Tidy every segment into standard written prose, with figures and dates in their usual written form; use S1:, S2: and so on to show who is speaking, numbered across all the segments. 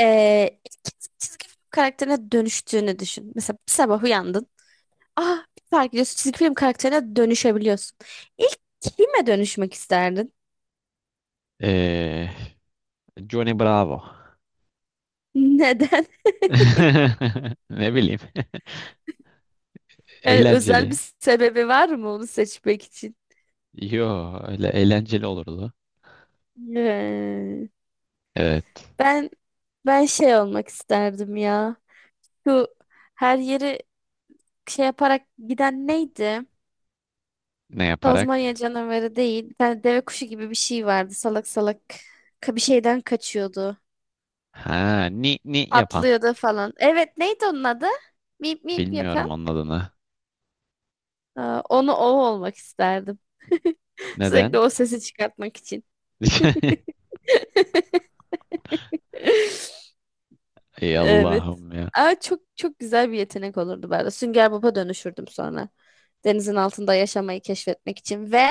S1: İlk çizgi film karakterine dönüştüğünü düşün. Mesela bir sabah uyandın. Ah bir fark ediyorsun, çizgi film karakterine dönüşebiliyorsun. İlk kime dönüşmek isterdin?
S2: Ee, Johnny Bravo.
S1: Neden?
S2: Ne bileyim.
S1: Yani özel bir
S2: Eğlenceli.
S1: sebebi var mı onu seçmek için?
S2: Yo, öyle eğlenceli olurdu.
S1: Ee,
S2: Evet.
S1: ben ben şey olmak isterdim ya. Şu, her yeri şey yaparak giden neydi?
S2: Ne
S1: Tazmanya
S2: yaparak?
S1: canavarı değil. Bir tane deve kuşu gibi bir şey vardı. Salak salak bir şeyden kaçıyordu.
S2: Ha, ni ni yapan.
S1: Atlıyordu falan. Evet, neydi onun adı? Mip mip
S2: Bilmiyorum
S1: yapan.
S2: onun adını.
S1: Aa, onu, o olmak isterdim. Sürekli
S2: Neden?
S1: o sesi çıkartmak için.
S2: Ey
S1: Evet.
S2: Allah'ım ya.
S1: Aa, çok çok güzel bir yetenek olurdu ben de. Sünger Bob'a dönüşürdüm sonra. Denizin altında yaşamayı keşfetmek için ve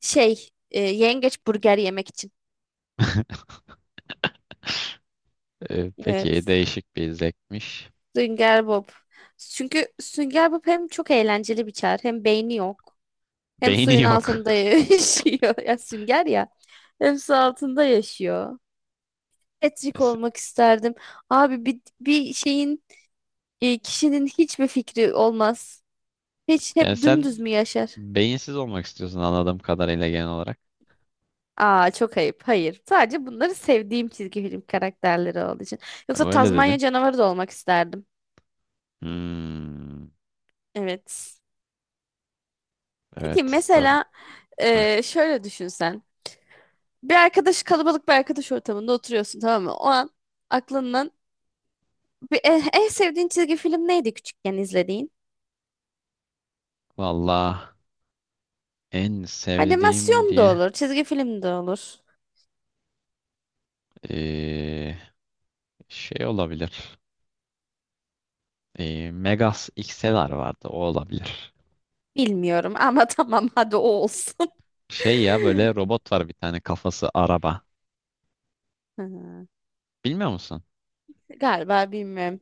S1: yengeç burger yemek için.
S2: Peki
S1: Evet.
S2: değişik bir zevkmiş.
S1: Sünger Bob. Çünkü Sünger Bob hem çok eğlenceli bir çağrı, hem beyni yok. Hem
S2: Beyni
S1: suyun
S2: yok.
S1: altında yaşıyor. Ya sünger ya. Hem su altında yaşıyor.
S2: E
S1: Patrick
S2: se-
S1: olmak isterdim. Abi bir şeyin, kişinin hiçbir fikri olmaz. Hiç
S2: Yani
S1: hep
S2: sen
S1: dümdüz mü yaşar?
S2: beyinsiz olmak istiyorsun anladığım kadarıyla genel olarak.
S1: Aa, çok ayıp. Hayır. Sadece bunları sevdiğim çizgi film karakterleri olduğu için. Yoksa
S2: Ama öyle
S1: Tazmanya
S2: dedin.
S1: canavarı da olmak isterdim.
S2: Hmm,
S1: Evet. Peki
S2: evet.
S1: mesela, şöyle düşünsen. Bir arkadaş Kalabalık bir arkadaş ortamında oturuyorsun, tamam mı? O an aklından en sevdiğin çizgi film neydi küçükken izlediğin?
S2: Valla. En sevdiğim
S1: Animasyon da
S2: diye
S1: olur, çizgi film de olur.
S2: eee, şey olabilir. Megas XLR vardı, o olabilir.
S1: Bilmiyorum ama tamam, hadi o olsun.
S2: Şey ya, böyle robot var bir tane, kafası araba.
S1: Ha,
S2: Bilmiyor musun?
S1: galiba bilmiyorum.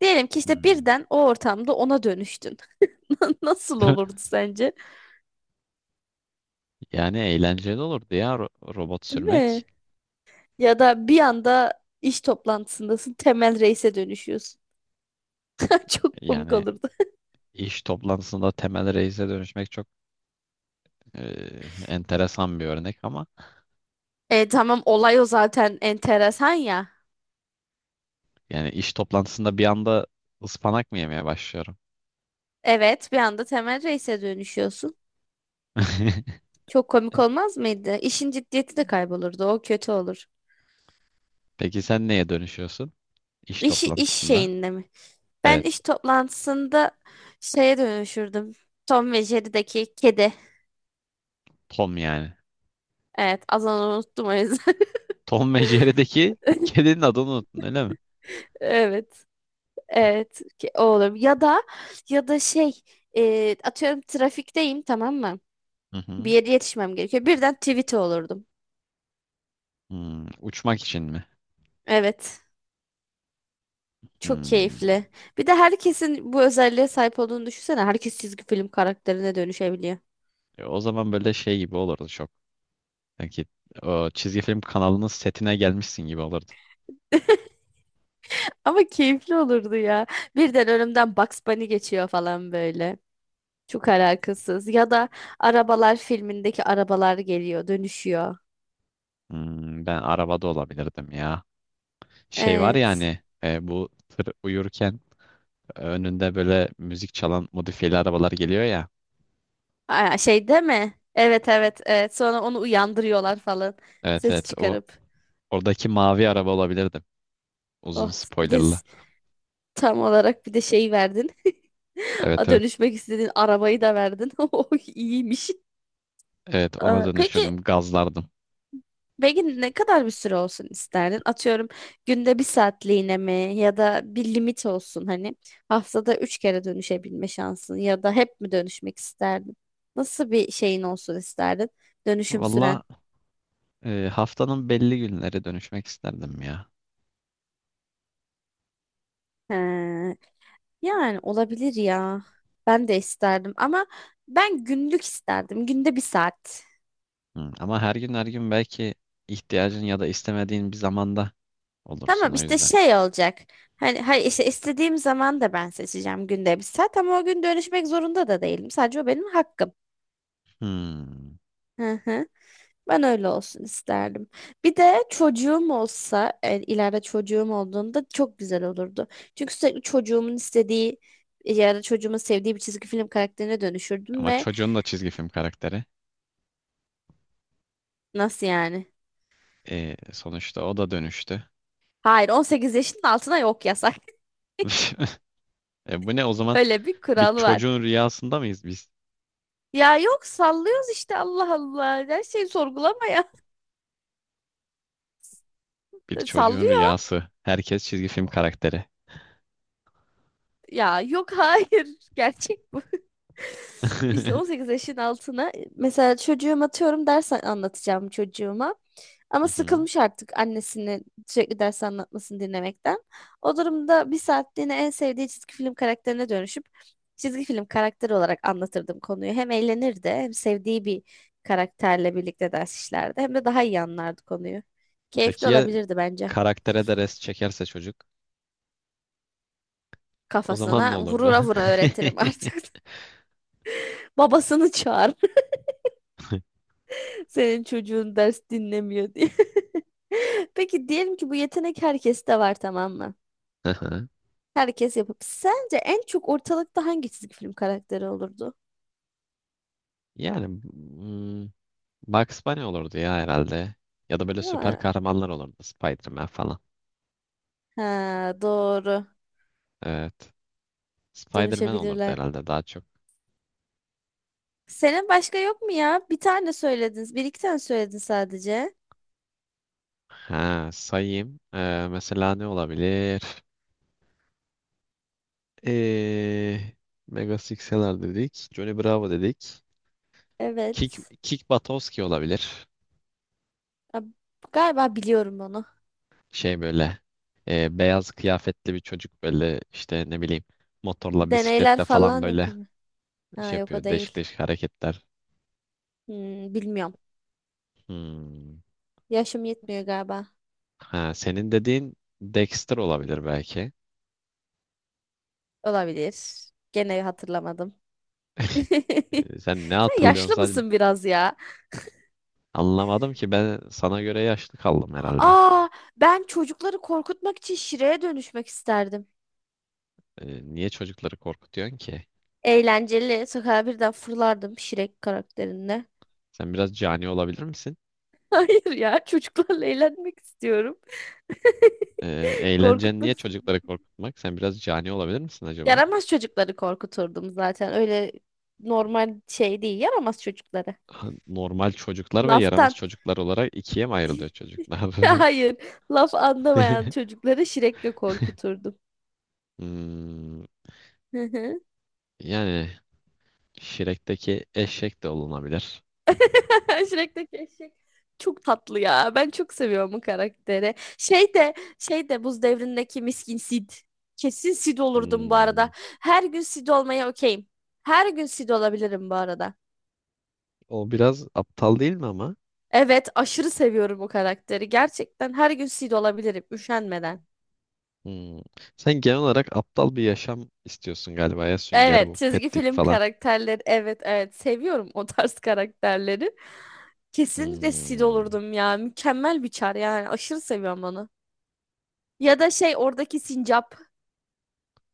S1: Diyelim ki işte
S2: Hmm.
S1: birden o ortamda ona dönüştün. Nasıl olurdu sence?
S2: Yani eğlenceli olurdu ya robot
S1: Değil
S2: sürmek.
S1: mi? Ya da bir anda iş toplantısındasın, Temel Reis'e dönüşüyorsun. Çok komik
S2: Yani
S1: olurdu.
S2: iş toplantısında Temel Reis'e dönüşmek çok enteresan bir örnek ama
S1: E tamam, olay o zaten, enteresan ya.
S2: yani iş toplantısında bir anda ıspanak mı yemeye başlıyorum?
S1: Evet, bir anda Temel Reis'e dönüşüyorsun. Çok komik olmaz mıydı? İşin ciddiyeti de kaybolurdu. O kötü olur.
S2: Peki sen neye dönüşüyorsun iş
S1: İş
S2: toplantısında?
S1: şeyinde mi? Ben
S2: Evet,
S1: iş toplantısında şeye dönüşürdüm. Tom ve Jerry'deki kedi.
S2: Tom yani.
S1: Evet, az onu unuttum o yüzden.
S2: Tom ve Jerry'deki kedinin adını unuttun öyle mi?
S1: Evet. Evet, o olur. Ya da ya da şey, atıyorum trafikteyim, tamam mı?
S2: Hı
S1: Bir
S2: hı.
S1: yere yetişmem gerekiyor. Birden tweet olurdum.
S2: Hmm, uçmak için mi?
S1: Evet. Çok
S2: Hmm.
S1: keyifli. Bir de herkesin bu özelliğe sahip olduğunu düşünsene. Herkes çizgi film karakterine dönüşebiliyor.
S2: O zaman böyle şey gibi olurdu çok. Sanki o çizgi film kanalının setine gelmişsin gibi olurdu.
S1: Ama keyifli olurdu ya. Birden önümden Bugs Bunny geçiyor falan böyle. Çok alakasız. Ya da Arabalar filmindeki arabalar geliyor, dönüşüyor.
S2: Hmm, ben arabada olabilirdim ya. Şey var ya
S1: Evet.
S2: hani, bu tır uyurken önünde böyle müzik çalan modifiyeli arabalar geliyor ya.
S1: Aa, şey değil mi? Evet, evet, evet. Sonra onu uyandırıyorlar falan.
S2: Evet,
S1: Ses
S2: evet, o
S1: çıkarıp.
S2: oradaki mavi araba olabilirdim. Uzun
S1: Oh, bir de
S2: spoilerlı.
S1: tam olarak bir de şey verdin.
S2: Evet,
S1: A,
S2: evet.
S1: dönüşmek istediğin arabayı da verdin. Oh, iyiymiş.
S2: Evet, ona
S1: Aa, Peki
S2: dönüşürdüm, gazlardım.
S1: Peki ne kadar bir süre olsun isterdin? Atıyorum, günde bir saatliğine mi, ya da bir limit olsun, hani haftada üç kere dönüşebilme şansın, ya da hep mi dönüşmek isterdin? Nasıl bir şeyin olsun isterdin? Dönüşüm süren.
S2: Valla haftanın belli günleri dönüşmek isterdim ya.
S1: He, yani olabilir ya. Ben de isterdim ama ben günlük isterdim. Günde bir saat.
S2: Hı, ama her gün her gün belki ihtiyacın ya da istemediğin bir zamanda olursun
S1: Tamam,
S2: o
S1: işte
S2: yüzden.
S1: şey olacak. Hani, hayır, işte istediğim zaman da ben seçeceğim, günde bir saat, ama o gün dönüşmek zorunda da değilim. Sadece o benim hakkım.
S2: Hmm.
S1: Hı hı. Ben öyle olsun isterdim. Bir de çocuğum olsa, ileride çocuğum olduğunda çok güzel olurdu. Çünkü sürekli çocuğumun istediği ya da çocuğumun sevdiği bir çizgi film karakterine dönüşürdüm.
S2: Ama
S1: Ve
S2: çocuğun da çizgi film karakteri.
S1: nasıl yani?
S2: Sonuçta o da dönüştü.
S1: Hayır, 18 yaşının altına yok, yasak.
S2: E, bu ne o zaman?
S1: Öyle bir
S2: Bir
S1: kural var.
S2: çocuğun rüyasında mıyız biz?
S1: Ya yok, sallıyoruz işte, Allah Allah. Her şeyi sorgulama ya.
S2: Bir çocuğun
S1: Sallıyor.
S2: rüyası. Herkes çizgi film karakteri.
S1: Ya yok, hayır. Gerçek bu. İşte
S2: Hı
S1: 18 yaşın altına, mesela çocuğum, atıyorum ders anlatacağım çocuğuma. Ama
S2: hı.
S1: sıkılmış artık annesini sürekli ders anlatmasını dinlemekten. O durumda bir saatliğine en sevdiği çizgi film karakterine dönüşüp çizgi film karakteri olarak anlatırdım konuyu. Hem eğlenirdi, hem sevdiği bir karakterle birlikte ders işlerdi, hem de daha iyi anlardı konuyu. Keyifli
S2: Peki ya
S1: olabilirdi bence.
S2: karaktere de rest çekerse çocuk? O zaman ne
S1: Kafasına
S2: olurdu?
S1: vurura vura öğretirim artık. Babasını çağır. Senin çocuğun ders dinlemiyor diye. Peki diyelim ki bu yetenek herkeste var, tamam mı?
S2: Hı hı.
S1: Herkes yapıp. Sence en çok ortalıkta hangi çizgi film karakteri olurdu?
S2: Yani hmm, Bugs Bunny olurdu ya herhalde. Ya da böyle
S1: Değil
S2: süper
S1: mi?
S2: kahramanlar olurdu. Spider-Man falan.
S1: Ha, doğru.
S2: Evet. Spider-Man olurdu
S1: Dönüşebilirler.
S2: herhalde daha çok.
S1: Senin başka yok mu ya? Bir tane söylediniz. Bir iki tane söyledin sadece.
S2: Ha, sayayım. Mesela ne olabilir? Ee, Mega Sixeler dedik. Johnny Bravo dedik. Kick,
S1: Evet.
S2: Kick Buttowski olabilir.
S1: A- Galiba biliyorum onu.
S2: Şey böyle, beyaz kıyafetli bir çocuk böyle, işte ne bileyim, motorla
S1: Deneyler
S2: bisikletle falan
S1: falan
S2: böyle
S1: yapıyor mu? Ha
S2: şey
S1: yok, o
S2: yapıyor. Değişik
S1: değil.
S2: değişik hareketler.
S1: Hmm, bilmiyorum.
S2: Hmm.
S1: Yaşım yetmiyor galiba.
S2: Ha, senin dediğin Dexter olabilir belki.
S1: Olabilir. Gene hatırlamadım.
S2: Sen ne
S1: Sen
S2: hatırlıyorsun
S1: yaşlı
S2: sadece,
S1: mısın biraz ya?
S2: anlamadım ki, ben sana göre yaşlı kaldım herhalde.
S1: Aa, ben çocukları korkutmak için şireye dönüşmek isterdim.
S2: Niye çocukları korkutuyorsun ki?
S1: Eğlenceli. Sokağa birden fırlardım Şirek karakterinde.
S2: Sen biraz cani olabilir misin?
S1: Hayır ya, çocuklarla eğlenmek istiyorum.
S2: Eğlencen niye
S1: Korkutmak istiyorum.
S2: çocukları korkutmak? Sen biraz cani olabilir misin acaba?
S1: Yaramaz çocukları korkuturdum zaten. Öyle normal şey değil. Yaramaz çocukları.
S2: Ha, normal çocuklar ve yaramaz
S1: Laftan.
S2: çocuklar olarak ikiye mi ayrılıyor çocuklar?
S1: Hayır. Laf anlamayan çocukları Şirek'le korkuturdum.
S2: Hmm, yani Şirek'teki eşek de olunabilir.
S1: Shrek'teki eşek çok tatlı ya. Ben çok seviyorum bu karakteri. Şey de şey de Buz Devri'ndeki miskin Sid. Kesin Sid olurdum bu
S2: Hmm,
S1: arada. Her gün Sid olmaya okeyim. Her gün Sid olabilirim bu arada.
S2: o biraz aptal değil mi ama?
S1: Evet, aşırı seviyorum bu karakteri. Gerçekten her gün Sid olabilirim üşenmeden.
S2: Hmm. Sen genel olarak aptal bir yaşam istiyorsun galiba ya, sünger
S1: Evet,
S2: bu
S1: çizgi
S2: petlik
S1: film
S2: falan.
S1: karakterleri. Evet, evet. Seviyorum o tarz karakterleri. Kesinlikle Sid
S2: Hmm.
S1: olurdum ya. Mükemmel bir çar yani. Aşırı seviyorum onu. Ya da oradaki sincap.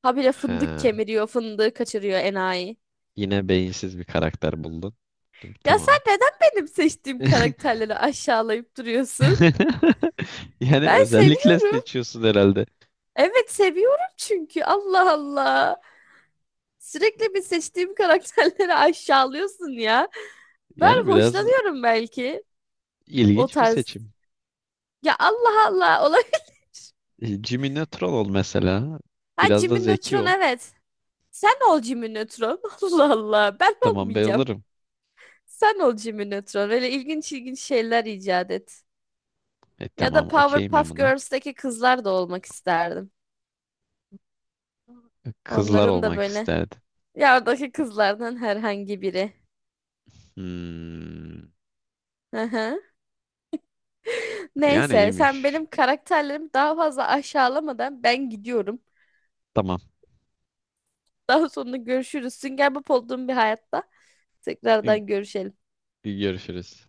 S1: Habire fındık
S2: Ha.
S1: kemiriyor, fındığı kaçırıyor enayi.
S2: Yine beyinsiz bir karakter buldun. Dur,
S1: Ya sen
S2: tamam.
S1: neden benim seçtiğim karakterleri aşağılayıp duruyorsun?
S2: Yani
S1: Ben
S2: özellikle
S1: seviyorum.
S2: seçiyorsun herhalde.
S1: Evet seviyorum, çünkü Allah Allah. Sürekli bir seçtiğim karakterleri aşağılıyorsun ya. Ben
S2: Yani biraz
S1: hoşlanıyorum belki o
S2: ilginç bir
S1: tarz.
S2: seçim.
S1: Ya Allah Allah, olabilir.
S2: E, Jimmy Neutron ol mesela.
S1: Ha,
S2: Biraz da
S1: Jimmy
S2: zeki
S1: Neutron,
S2: ol.
S1: evet. Sen ol Jimmy Neutron. Allah Allah, ben
S2: Tamam, ben
S1: olmayacağım.
S2: olurum.
S1: Sen ol Jimmy Neutron. Öyle ilginç ilginç şeyler icat et.
S2: E
S1: Ya da
S2: tamam, okeyim ben
S1: Powerpuff
S2: buna.
S1: Girls'teki kızlar da olmak isterdim.
S2: Kızlar
S1: Onların da
S2: olmak
S1: böyle,
S2: isterdim.
S1: ya oradaki kızlardan herhangi biri.
S2: Hmm.
S1: Hı hı.
S2: Yani
S1: Neyse, sen
S2: iyiymiş.
S1: benim karakterlerimi daha fazla aşağılamadan ben gidiyorum.
S2: Tamam.
S1: Daha sonra görüşürüz. Sünger Bob olduğum bir hayatta
S2: E,
S1: tekrardan görüşelim.
S2: görüşürüz.